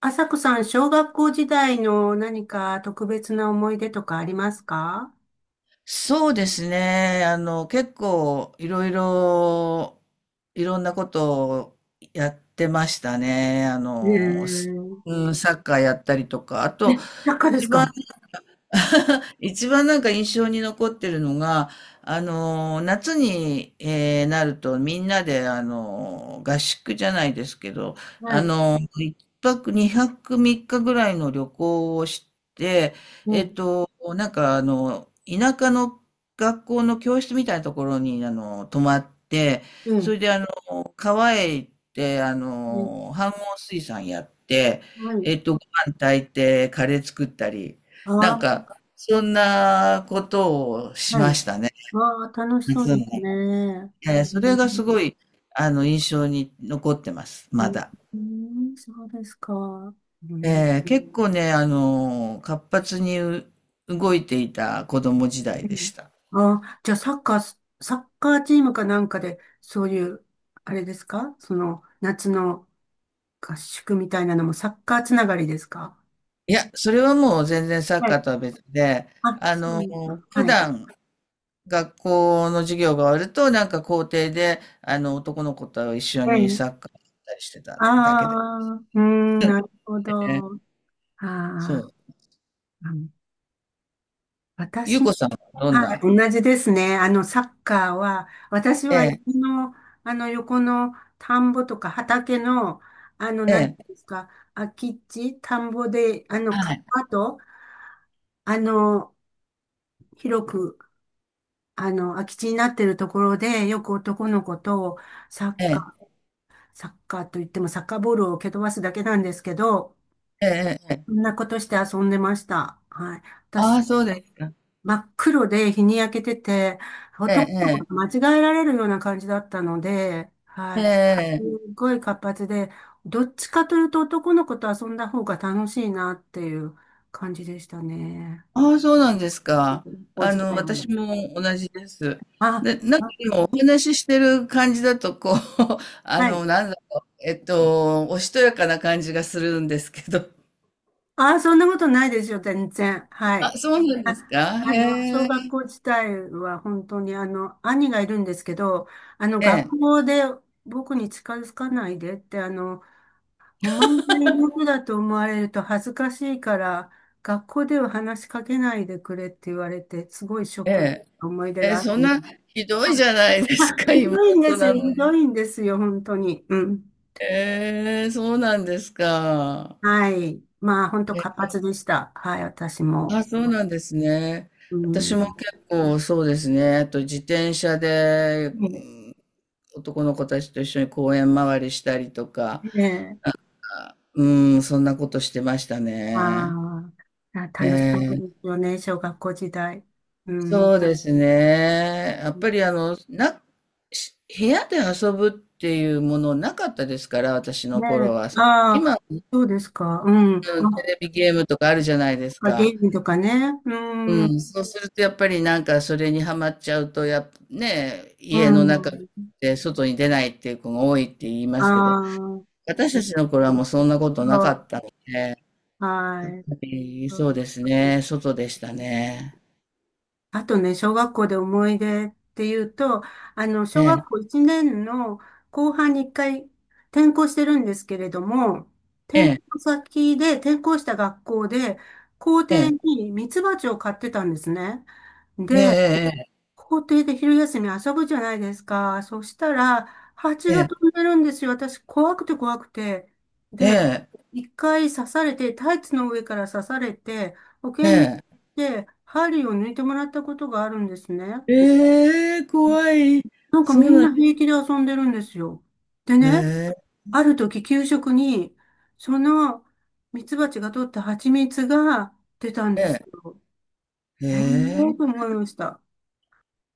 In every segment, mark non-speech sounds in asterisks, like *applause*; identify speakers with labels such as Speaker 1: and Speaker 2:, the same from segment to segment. Speaker 1: 朝子さん、小学校時代の何か特別な思い出とかありますか？
Speaker 2: そうですね。結構いろんなことをやってましたね。
Speaker 1: えー、
Speaker 2: うん、サッカーやったりとか。あ
Speaker 1: え、
Speaker 2: と、
Speaker 1: なんかで
Speaker 2: 一
Speaker 1: す
Speaker 2: 番
Speaker 1: か？
Speaker 2: 一番なんか印象に残ってるのが、夏に、なるとみんなで、合宿じゃないですけど、
Speaker 1: はい。
Speaker 2: 一泊二泊三日ぐらいの旅行をして、
Speaker 1: え
Speaker 2: えっ
Speaker 1: え、
Speaker 2: と、田舎の学校の教室みたいなところに、泊まって、
Speaker 1: え
Speaker 2: そ
Speaker 1: え、
Speaker 2: れであの、川へ行って、
Speaker 1: ええ。
Speaker 2: 飯盒水産やって、
Speaker 1: はい。
Speaker 2: ご飯炊いて、カレー作ったり、なん
Speaker 1: ああ、
Speaker 2: か、そんなことをし
Speaker 1: は
Speaker 2: ま
Speaker 1: い。
Speaker 2: したね。
Speaker 1: わあ、楽しそ
Speaker 2: 夏
Speaker 1: う
Speaker 2: な
Speaker 1: で
Speaker 2: の
Speaker 1: す
Speaker 2: に。
Speaker 1: ね。
Speaker 2: ええ、
Speaker 1: う
Speaker 2: それ
Speaker 1: ん、
Speaker 2: がすごい、印象に残ってます、
Speaker 1: う
Speaker 2: ま
Speaker 1: ん。
Speaker 2: だ。
Speaker 1: うん、そうですか。うん、
Speaker 2: ええ、結構ね、活発に動いていた子供時代
Speaker 1: う
Speaker 2: でし
Speaker 1: ん。
Speaker 2: た。
Speaker 1: ああ、じゃあサッカー、サッカーチームかなんかで、そういう、あれですかその、夏の合宿みたいなのもサッカーつながりですか？
Speaker 2: いや、それはもう全然サッカーとは別で、
Speaker 1: あ、
Speaker 2: あ
Speaker 1: そ
Speaker 2: の、
Speaker 1: うだ。
Speaker 2: 普
Speaker 1: はい。
Speaker 2: 段学校の授業が終わると、なんか校庭で、男の子と一緒
Speaker 1: え
Speaker 2: にサ
Speaker 1: え。
Speaker 2: ッカーやったりしてた
Speaker 1: あ
Speaker 2: だけで
Speaker 1: あ、うーん、なるほ
Speaker 2: ね。
Speaker 1: ど。あ
Speaker 2: そ
Speaker 1: あ、
Speaker 2: う。
Speaker 1: うん。
Speaker 2: ゆ
Speaker 1: 私、
Speaker 2: うこさんはどん
Speaker 1: はい、
Speaker 2: な、
Speaker 1: 同じですね。サッカーは、私
Speaker 2: え
Speaker 1: は家
Speaker 2: え、
Speaker 1: の、横の田んぼとか畑の、
Speaker 2: え
Speaker 1: なんていう
Speaker 2: え、
Speaker 1: んですか、空き地、田んぼで、
Speaker 2: は
Speaker 1: 川
Speaker 2: い、
Speaker 1: と、あの、広く、空き地になってるところで、よく男の子と、サ
Speaker 2: え
Speaker 1: ッカ
Speaker 2: え、
Speaker 1: ー、サッカーといっても、サッカーボールを蹴飛ばすだけなんですけど、
Speaker 2: えええええ
Speaker 1: そん
Speaker 2: え、
Speaker 1: なことして遊んでました。はい。
Speaker 2: あ
Speaker 1: 私、
Speaker 2: あ、そうですか。
Speaker 1: 真っ黒で日に焼けてて、
Speaker 2: え
Speaker 1: 男の子が
Speaker 2: え、
Speaker 1: 間違えられるような感じだったので、
Speaker 2: え
Speaker 1: は
Speaker 2: え、
Speaker 1: い。す
Speaker 2: ええ。
Speaker 1: ごい活発で、どっちかというと男の子と遊んだ方が楽しいなっていう感じでしたね。
Speaker 2: ああ、そうなんですか。
Speaker 1: お時間あ
Speaker 2: 私
Speaker 1: る。
Speaker 2: も同じです。
Speaker 1: あ、
Speaker 2: で、なんか
Speaker 1: あ、
Speaker 2: 今お話ししてる感じだと、こう、*laughs*
Speaker 1: はい。
Speaker 2: おしとやかな感じがするんですけど。
Speaker 1: ああ、そんなことないですよ、全然。は
Speaker 2: あ、
Speaker 1: い。
Speaker 2: そうなんですか。へ
Speaker 1: 小学
Speaker 2: え、
Speaker 1: 校自体は本当に、兄がいるんですけど、
Speaker 2: え
Speaker 1: 学
Speaker 2: え、
Speaker 1: 校で僕に近づかないでって、お前が妹だと思われると恥ずかしいから、学校では話しかけないでくれって言われて、すごいショッ
Speaker 2: え
Speaker 1: ク
Speaker 2: え、
Speaker 1: な思い出
Speaker 2: ええ、
Speaker 1: がある
Speaker 2: そん
Speaker 1: の。
Speaker 2: な、ひどい
Speaker 1: は
Speaker 2: じ
Speaker 1: い。
Speaker 2: ゃないで
Speaker 1: ま
Speaker 2: す
Speaker 1: あ、
Speaker 2: か、
Speaker 1: ひどいんで
Speaker 2: 妹
Speaker 1: す
Speaker 2: な
Speaker 1: よ、
Speaker 2: の
Speaker 1: ひど
Speaker 2: に。
Speaker 1: いんですよ、本当に。うん。
Speaker 2: ええ、そうなんですか。
Speaker 1: はい。まあ、本当活発でした。はい、私
Speaker 2: あ、
Speaker 1: も。
Speaker 2: そうなんですね。
Speaker 1: う
Speaker 2: 私も
Speaker 1: ん。
Speaker 2: 結構そうですね。あと自転車で、うん、
Speaker 1: ね
Speaker 2: 男の子たちと一緒に公園回りしたりとか、
Speaker 1: ええ、
Speaker 2: うん、そんなことしてました
Speaker 1: あ
Speaker 2: ね。
Speaker 1: ーあ、
Speaker 2: え
Speaker 1: 楽しかったで
Speaker 2: ー、
Speaker 1: すよね、小学校時代。う
Speaker 2: そ
Speaker 1: ん。
Speaker 2: うですね。やっぱりし部屋で遊ぶっていうものなかったですから、私の
Speaker 1: ね
Speaker 2: 頃
Speaker 1: え、
Speaker 2: は。そう
Speaker 1: あ
Speaker 2: 今、
Speaker 1: あ、そうですか。うん。
Speaker 2: うん、テレビゲームとかあるじゃないです
Speaker 1: あ、ゲ
Speaker 2: か。
Speaker 1: ームとかね。うん。
Speaker 2: う
Speaker 1: う
Speaker 2: ん、そうするとやっぱりなんかそれにはまっちゃうと、やっぱね、家の中
Speaker 1: ん。
Speaker 2: で外に出ないっていう子が多いって言いま
Speaker 1: あ
Speaker 2: すけど、
Speaker 1: あ、
Speaker 2: 私たちの頃はもうそんなこと
Speaker 1: そ
Speaker 2: なかっ
Speaker 1: う。
Speaker 2: たので、やっ
Speaker 1: は
Speaker 2: ぱ
Speaker 1: い。
Speaker 2: り
Speaker 1: そう
Speaker 2: そう
Speaker 1: で
Speaker 2: ですね、外でした
Speaker 1: す。
Speaker 2: ね。
Speaker 1: あとね、小学校で思い出っていうと、
Speaker 2: え
Speaker 1: 小
Speaker 2: え、
Speaker 1: 学校1年の後半に1回転校してるんですけれども、
Speaker 2: え
Speaker 1: 転
Speaker 2: え、
Speaker 1: 校先で転校した学校で、校
Speaker 2: え
Speaker 1: 庭
Speaker 2: え、
Speaker 1: にミツバチを飼ってたんですね。
Speaker 2: え
Speaker 1: で、
Speaker 2: え、
Speaker 1: 校庭で昼休み遊ぶじゃないですか。そしたら、蜂
Speaker 2: え
Speaker 1: が
Speaker 2: え、
Speaker 1: 飛んでるんですよ。私、怖くて怖くて。
Speaker 2: え
Speaker 1: で、
Speaker 2: え、
Speaker 1: 一回刺されて、タイツの上から刺されて、保
Speaker 2: え
Speaker 1: 健
Speaker 2: え、
Speaker 1: で針を抜いてもらったことがあるんですね。
Speaker 2: ええ、ええ怖い。
Speaker 1: なんか
Speaker 2: そ
Speaker 1: み
Speaker 2: う
Speaker 1: ん
Speaker 2: なん
Speaker 1: な
Speaker 2: です。
Speaker 1: 平気で遊んでるんですよ。で
Speaker 2: え
Speaker 1: ね、
Speaker 2: え、
Speaker 1: ある時給食に、そのミツバチが取った蜂蜜が出たん
Speaker 2: え
Speaker 1: です
Speaker 2: え、
Speaker 1: よ。
Speaker 2: え
Speaker 1: へえー
Speaker 2: え、
Speaker 1: と思いました。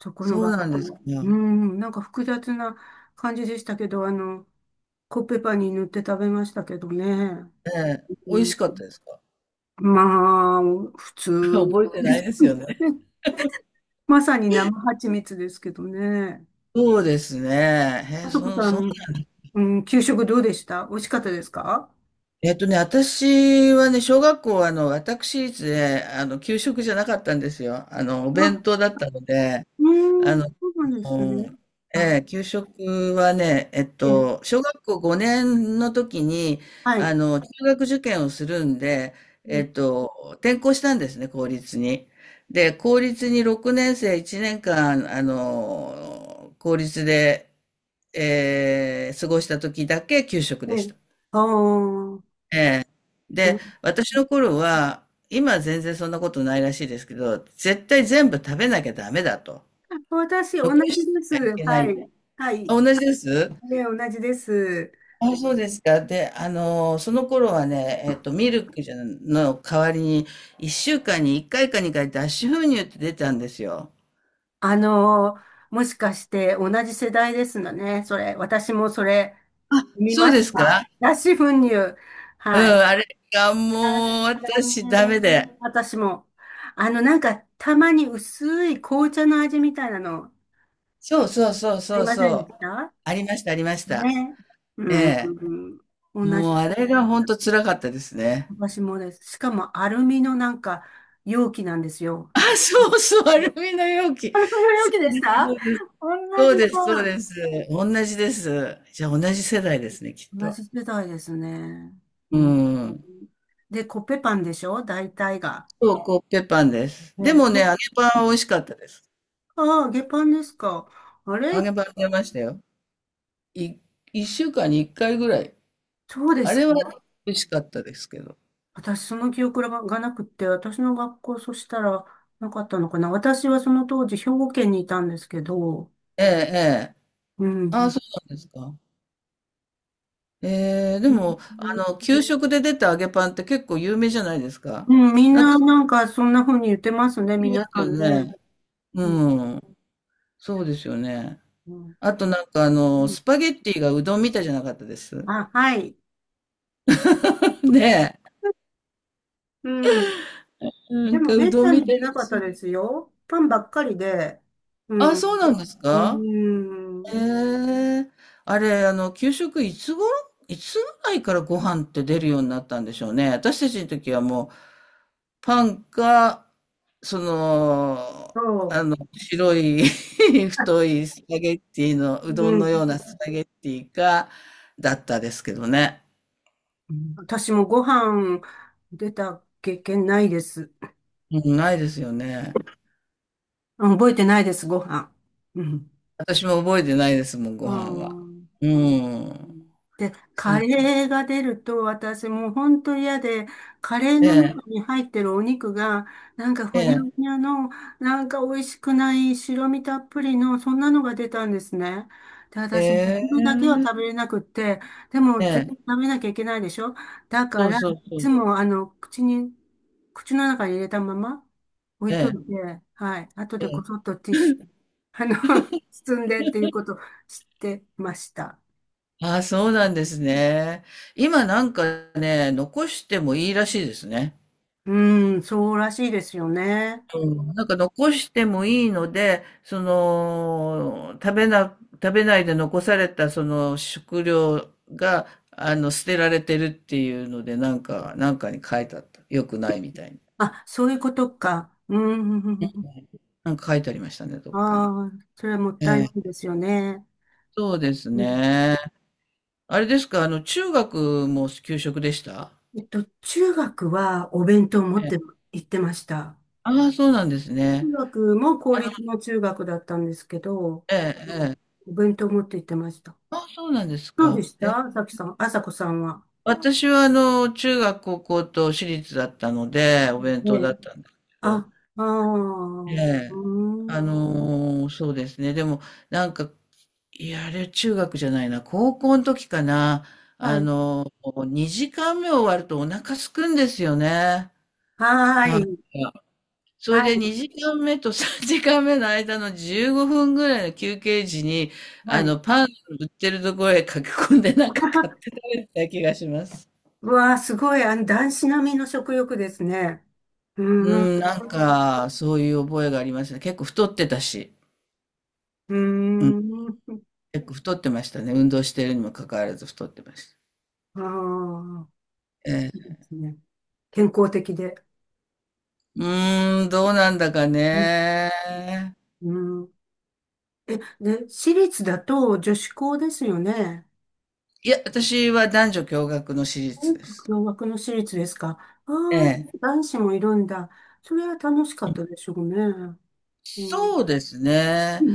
Speaker 1: そこの
Speaker 2: そう
Speaker 1: 学
Speaker 2: なんで
Speaker 1: 校
Speaker 2: すか。
Speaker 1: は。
Speaker 2: え
Speaker 1: うん、なんか複雑な感じでしたけど、コッペパンに塗って食べましたけどね。
Speaker 2: え、
Speaker 1: う
Speaker 2: 美味し
Speaker 1: ん、
Speaker 2: かったですか。
Speaker 1: まあ、普
Speaker 2: *laughs*
Speaker 1: 通。
Speaker 2: 覚えてないですよ
Speaker 1: *laughs*
Speaker 2: ね。
Speaker 1: ね、まさに生蜂蜜ですけどね。
Speaker 2: そうですね。へ
Speaker 1: あ
Speaker 2: え、
Speaker 1: そこさ
Speaker 2: そう、
Speaker 1: ん、うん、給食どうでした、美味しかったですか？
Speaker 2: 私はね、小学校は、私立で、給食じゃなかったんですよ。お弁当
Speaker 1: あ、
Speaker 2: だったので、
Speaker 1: う
Speaker 2: あ
Speaker 1: ん、
Speaker 2: の、
Speaker 1: そうなんですね。あ、
Speaker 2: ええ、給食はね、
Speaker 1: え、
Speaker 2: 小学校5年の時に、
Speaker 1: はい。
Speaker 2: 中学受験をするんで、え
Speaker 1: う
Speaker 2: っと、転校したんですね、公立に。で、公立に6年生1年間、公立で、過ごした時だけ給食
Speaker 1: え、
Speaker 2: でした。
Speaker 1: ああ、
Speaker 2: ええ。
Speaker 1: ど、
Speaker 2: で、私の頃は、今は全然そんなことないらしいですけど、絶対全部食べなきゃダメだと。
Speaker 1: 私、同
Speaker 2: 残
Speaker 1: じ
Speaker 2: し
Speaker 1: で
Speaker 2: てはい
Speaker 1: す。
Speaker 2: けない。
Speaker 1: はい。は
Speaker 2: あ、
Speaker 1: い。
Speaker 2: 同じです？
Speaker 1: ね、同じです。
Speaker 2: あ、そうですか。で、その頃はね、ミルクじゃの代わりに、1週間に1回か2回脱脂粉乳って出たんですよ。
Speaker 1: もしかして同じ世代ですのね。それ、私もそれ見
Speaker 2: そう
Speaker 1: ま
Speaker 2: で
Speaker 1: し
Speaker 2: す
Speaker 1: た。
Speaker 2: か？
Speaker 1: 脱脂粉乳。
Speaker 2: うん、
Speaker 1: はい。
Speaker 2: あれが
Speaker 1: あ、
Speaker 2: もう
Speaker 1: 残
Speaker 2: 私ダメで。
Speaker 1: 念、私も。なんか、たまに薄い紅茶の味みたいなの、あ
Speaker 2: そうそうそう
Speaker 1: り
Speaker 2: そう
Speaker 1: ませんで
Speaker 2: そ
Speaker 1: し
Speaker 2: う。
Speaker 1: た
Speaker 2: ありましたありました。
Speaker 1: ね。う
Speaker 2: え
Speaker 1: ん。
Speaker 2: え。
Speaker 1: うん、同じ
Speaker 2: もうあれ
Speaker 1: だ。
Speaker 2: が本当辛かったですね。
Speaker 1: 私もです。しかも、アルミのなんか、容器なんですよ。
Speaker 2: あ、そ
Speaker 1: *laughs*
Speaker 2: うそう、アルミの容器。
Speaker 1: 容
Speaker 2: そ
Speaker 1: 器で
Speaker 2: う
Speaker 1: し
Speaker 2: です
Speaker 1: た。
Speaker 2: そ
Speaker 1: 同
Speaker 2: う
Speaker 1: じ
Speaker 2: です。そう
Speaker 1: だ。
Speaker 2: ですそうです。同じです。じゃあ同じ世代ですね、きっ
Speaker 1: 同
Speaker 2: と。
Speaker 1: じ世代ですね。
Speaker 2: う
Speaker 1: うん。
Speaker 2: ん。
Speaker 1: で、コッペパンでしょ大体が。
Speaker 2: そう、コッペパンです。で
Speaker 1: ね、
Speaker 2: もね、揚げパンは美味しかったです。
Speaker 1: ああ、揚げパンですか。あれ、
Speaker 2: 揚げパン出ましたよ。い、1週間に1回ぐらい。
Speaker 1: そうで
Speaker 2: あ
Speaker 1: す
Speaker 2: れは
Speaker 1: か？
Speaker 2: 美味しかったですけど。
Speaker 1: 私、その記憶がなくって、私の学校、そしたらなかったのかな。私はその当時、兵庫県にいたんですけど、
Speaker 2: ええ、ええ。
Speaker 1: う
Speaker 2: ああ、
Speaker 1: ん。
Speaker 2: そうなんですか。ええ、で
Speaker 1: う
Speaker 2: も、
Speaker 1: ん、
Speaker 2: 給食で出た揚げパンって結構有名じゃないですか。
Speaker 1: うん。みん
Speaker 2: なん
Speaker 1: な、
Speaker 2: か、
Speaker 1: なんか、そんな風に言ってますね、
Speaker 2: いま
Speaker 1: 皆
Speaker 2: す
Speaker 1: さ
Speaker 2: よ
Speaker 1: んね。
Speaker 2: ね。
Speaker 1: うん、
Speaker 2: うん。そうですよね。
Speaker 1: うん、
Speaker 2: あとなんか
Speaker 1: うん、
Speaker 2: スパゲッティがうどんみたいじゃなかったです。
Speaker 1: あ、はい。
Speaker 2: *laughs* ね
Speaker 1: うん。
Speaker 2: え。な
Speaker 1: で
Speaker 2: ん
Speaker 1: も
Speaker 2: かう
Speaker 1: めっ
Speaker 2: どん
Speaker 1: た
Speaker 2: み
Speaker 1: に
Speaker 2: たい
Speaker 1: 出な
Speaker 2: だ
Speaker 1: かったで
Speaker 2: し。
Speaker 1: すよ。パンばっかりで。う
Speaker 2: あ、
Speaker 1: ん。う
Speaker 2: そうなんですか、え
Speaker 1: ーん。
Speaker 2: え、あれ、あの、給食いつ頃、いつぐらいからご飯って出るようになったんでしょうね。私たちの時はもう、パンか、その、
Speaker 1: そ
Speaker 2: 白い *laughs* 太いスパゲッティの、
Speaker 1: う。
Speaker 2: う
Speaker 1: う
Speaker 2: どんの
Speaker 1: ん。
Speaker 2: ようなスパゲッティか、だったですけどね。
Speaker 1: 私もご飯出た経験ないです。
Speaker 2: うん、ないですよね。
Speaker 1: うん、覚えてないです、ご飯。うん。
Speaker 2: 私も覚えてないですもん、ご
Speaker 1: う
Speaker 2: 飯は。
Speaker 1: ん、
Speaker 2: う
Speaker 1: う
Speaker 2: ん。
Speaker 1: ん。で、
Speaker 2: そ
Speaker 1: カ
Speaker 2: う、
Speaker 1: レーが出ると私もう本当嫌で、カレー
Speaker 2: え
Speaker 1: の
Speaker 2: え、
Speaker 1: 中に入ってるお肉が、なんか
Speaker 2: え
Speaker 1: ふにゃ
Speaker 2: え、
Speaker 1: ふにゃの、なんか美味しくない白身たっぷりの、そんなのが出たんですね。で、私もそ
Speaker 2: え
Speaker 1: れだけは
Speaker 2: え、
Speaker 1: 食べれなくって、でも
Speaker 2: え
Speaker 1: 絶
Speaker 2: え、
Speaker 1: 対食べなきゃいけないでしょ。だ
Speaker 2: そ
Speaker 1: か
Speaker 2: う
Speaker 1: ら、
Speaker 2: そう
Speaker 1: い
Speaker 2: そ
Speaker 1: つ
Speaker 2: う、
Speaker 1: も口の中に入れたまま置い
Speaker 2: え
Speaker 1: とい
Speaker 2: え、
Speaker 1: て、はい、後
Speaker 2: え
Speaker 1: でこ
Speaker 2: え。
Speaker 1: そっとティッシュ、あの、*laughs* 包んでっていうことを知ってました。
Speaker 2: ああ、そうなんですね。今なんかね、残してもいいらしいですね。
Speaker 1: うん、そうらしいですよね。
Speaker 2: うん、なんか残してもいいので、食べないで残されたその食料が、捨てられてるっていうので、なんかに書いてあった。よくないみたいに。
Speaker 1: あ、そういうことか。うん。
Speaker 2: なんか書いてありましたね、どっかに。
Speaker 1: ああ、それはもっ
Speaker 2: え
Speaker 1: たいないで
Speaker 2: え、
Speaker 1: すよね。
Speaker 2: そうです
Speaker 1: うん、
Speaker 2: ね。あれですか、中学も給食でした？
Speaker 1: 中学はお弁当を持っ
Speaker 2: え
Speaker 1: て
Speaker 2: え。
Speaker 1: 行ってました。
Speaker 2: ああ、そうなんです
Speaker 1: 中
Speaker 2: ね。
Speaker 1: 学も公
Speaker 2: あの、
Speaker 1: 立の中学だったんですけど、
Speaker 2: ええ、
Speaker 1: うん、
Speaker 2: ええ。
Speaker 1: お弁当を持って行ってました。
Speaker 2: あ、そうなんです
Speaker 1: どうで
Speaker 2: か。
Speaker 1: し
Speaker 2: え、
Speaker 1: た、さきさん、あさこさんは？
Speaker 2: 私はあの、中学、高校と私立だったので、お弁
Speaker 1: うん、
Speaker 2: 当
Speaker 1: ね
Speaker 2: だ
Speaker 1: え。
Speaker 2: ったんですけど、
Speaker 1: あ、ああ、
Speaker 2: え
Speaker 1: う
Speaker 2: え、
Speaker 1: ーん。
Speaker 2: そうですね。でも、なんか、あれ中学じゃないな、高校の時かな、
Speaker 1: はい。
Speaker 2: 2時間目終わるとお腹すくんですよね。
Speaker 1: はー
Speaker 2: なんか、
Speaker 1: い。
Speaker 2: それ
Speaker 1: は
Speaker 2: で
Speaker 1: い。
Speaker 2: 2時間目と3時間目の間の15分ぐらいの休憩時に、
Speaker 1: はい。
Speaker 2: パン売ってるところへ駆け込んでなんか買って食べてた気がします。
Speaker 1: うわあ、すごい、男子並みの食欲ですね。うー
Speaker 2: う
Speaker 1: ん、う
Speaker 2: ん、なんか、そういう覚えがありましたね。結構太ってたし、
Speaker 1: ー
Speaker 2: うん、
Speaker 1: ん、
Speaker 2: 結構太ってましたね。運動してるにもかかわらず太ってました。
Speaker 1: ああ、
Speaker 2: え
Speaker 1: いいで
Speaker 2: え。
Speaker 1: すね。健康的で。
Speaker 2: うーん、どうなんだか
Speaker 1: うん、
Speaker 2: ね。
Speaker 1: うん。え、で、私立だと女子校ですよね。
Speaker 2: いや、私は男女共学の私立
Speaker 1: 音
Speaker 2: です。
Speaker 1: 楽の枠の私立ですか。あ
Speaker 2: ええ。
Speaker 1: あ、男子もいるんだ。それは楽しかったでしょうね。う
Speaker 2: そう
Speaker 1: ん、
Speaker 2: ですね。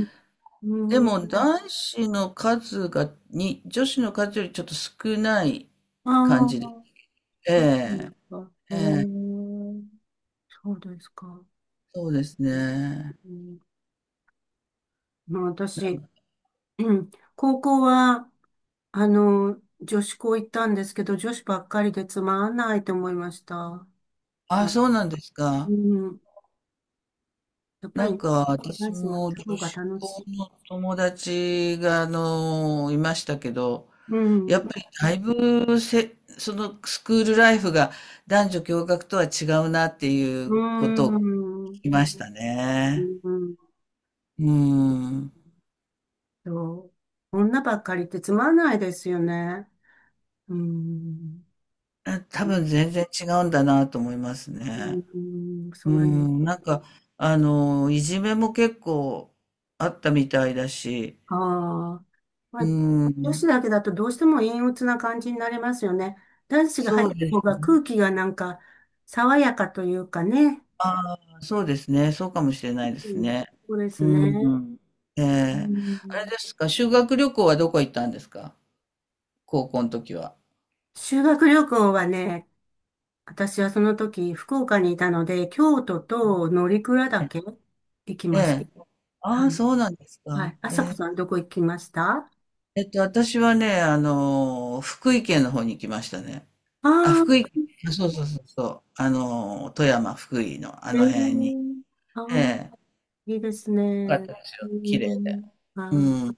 Speaker 1: う
Speaker 2: で
Speaker 1: ん、
Speaker 2: も男子の数が、女子の数よりちょっと少ない
Speaker 1: あ
Speaker 2: 感じで。
Speaker 1: あ、
Speaker 2: え
Speaker 1: そうで
Speaker 2: え。
Speaker 1: すか。ええ、そうですか。
Speaker 2: そうですね。
Speaker 1: うん、まあ、私、うん、高校は、女子校行ったんですけど、女子ばっかりでつまんないと思いました。
Speaker 2: あ、
Speaker 1: あ、
Speaker 2: そうなんです
Speaker 1: う
Speaker 2: か。
Speaker 1: ん、やっぱ
Speaker 2: な
Speaker 1: りね、
Speaker 2: んか私
Speaker 1: 男子も
Speaker 2: も
Speaker 1: いた方
Speaker 2: 女
Speaker 1: が
Speaker 2: 子
Speaker 1: 楽し
Speaker 2: 校
Speaker 1: い。
Speaker 2: の友達がいましたけど、
Speaker 1: う
Speaker 2: やっぱ
Speaker 1: ん、
Speaker 2: りだいぶせ、そのスクールライフが男女共学とは違うなってい
Speaker 1: う
Speaker 2: うことを
Speaker 1: ん、うん
Speaker 2: 聞きましたね。うん。
Speaker 1: と、女ばっかりってつまんないですよね。うん、
Speaker 2: あ、多分全然違うんだなと思いますね。
Speaker 1: う
Speaker 2: う
Speaker 1: ん、それ
Speaker 2: ん。いじめも結構あったみたいだし、
Speaker 1: か。まあ、
Speaker 2: う
Speaker 1: 女子
Speaker 2: ん。
Speaker 1: だけだとどうしても陰鬱な感じになりますよね。男子が入
Speaker 2: そ
Speaker 1: っ
Speaker 2: う
Speaker 1: てた
Speaker 2: で
Speaker 1: 方
Speaker 2: す。
Speaker 1: が空気がなんか爽やかというかね。
Speaker 2: ああ、そうですね。そうかもしれないです
Speaker 1: うん、
Speaker 2: ね。
Speaker 1: そうで
Speaker 2: う
Speaker 1: すね、
Speaker 2: ん。え
Speaker 1: う
Speaker 2: え。あれ
Speaker 1: ん。
Speaker 2: ですか、修学旅行はどこ行ったんですか、高校の時は。
Speaker 1: 修学旅行はね、私はその時福岡にいたので、京都と乗鞍
Speaker 2: え
Speaker 1: 岳行きまし
Speaker 2: え、
Speaker 1: た。
Speaker 2: あ
Speaker 1: は
Speaker 2: あ、
Speaker 1: い。
Speaker 2: そうなんです
Speaker 1: は
Speaker 2: か。
Speaker 1: い。あ
Speaker 2: え
Speaker 1: さこ
Speaker 2: え。
Speaker 1: さん、どこ行きました？あ
Speaker 2: 私はね、福井県の方に行きましたね。あ、
Speaker 1: あー、
Speaker 2: 福井、あ、そうそうそうそう。富山、福井のあ
Speaker 1: え
Speaker 2: の辺に。
Speaker 1: ー、あー、
Speaker 2: ええ。よ
Speaker 1: いいです
Speaker 2: かっ
Speaker 1: ね。
Speaker 2: たです
Speaker 1: う
Speaker 2: よ。綺麗で。
Speaker 1: ん、あ
Speaker 2: う
Speaker 1: ー
Speaker 2: ん。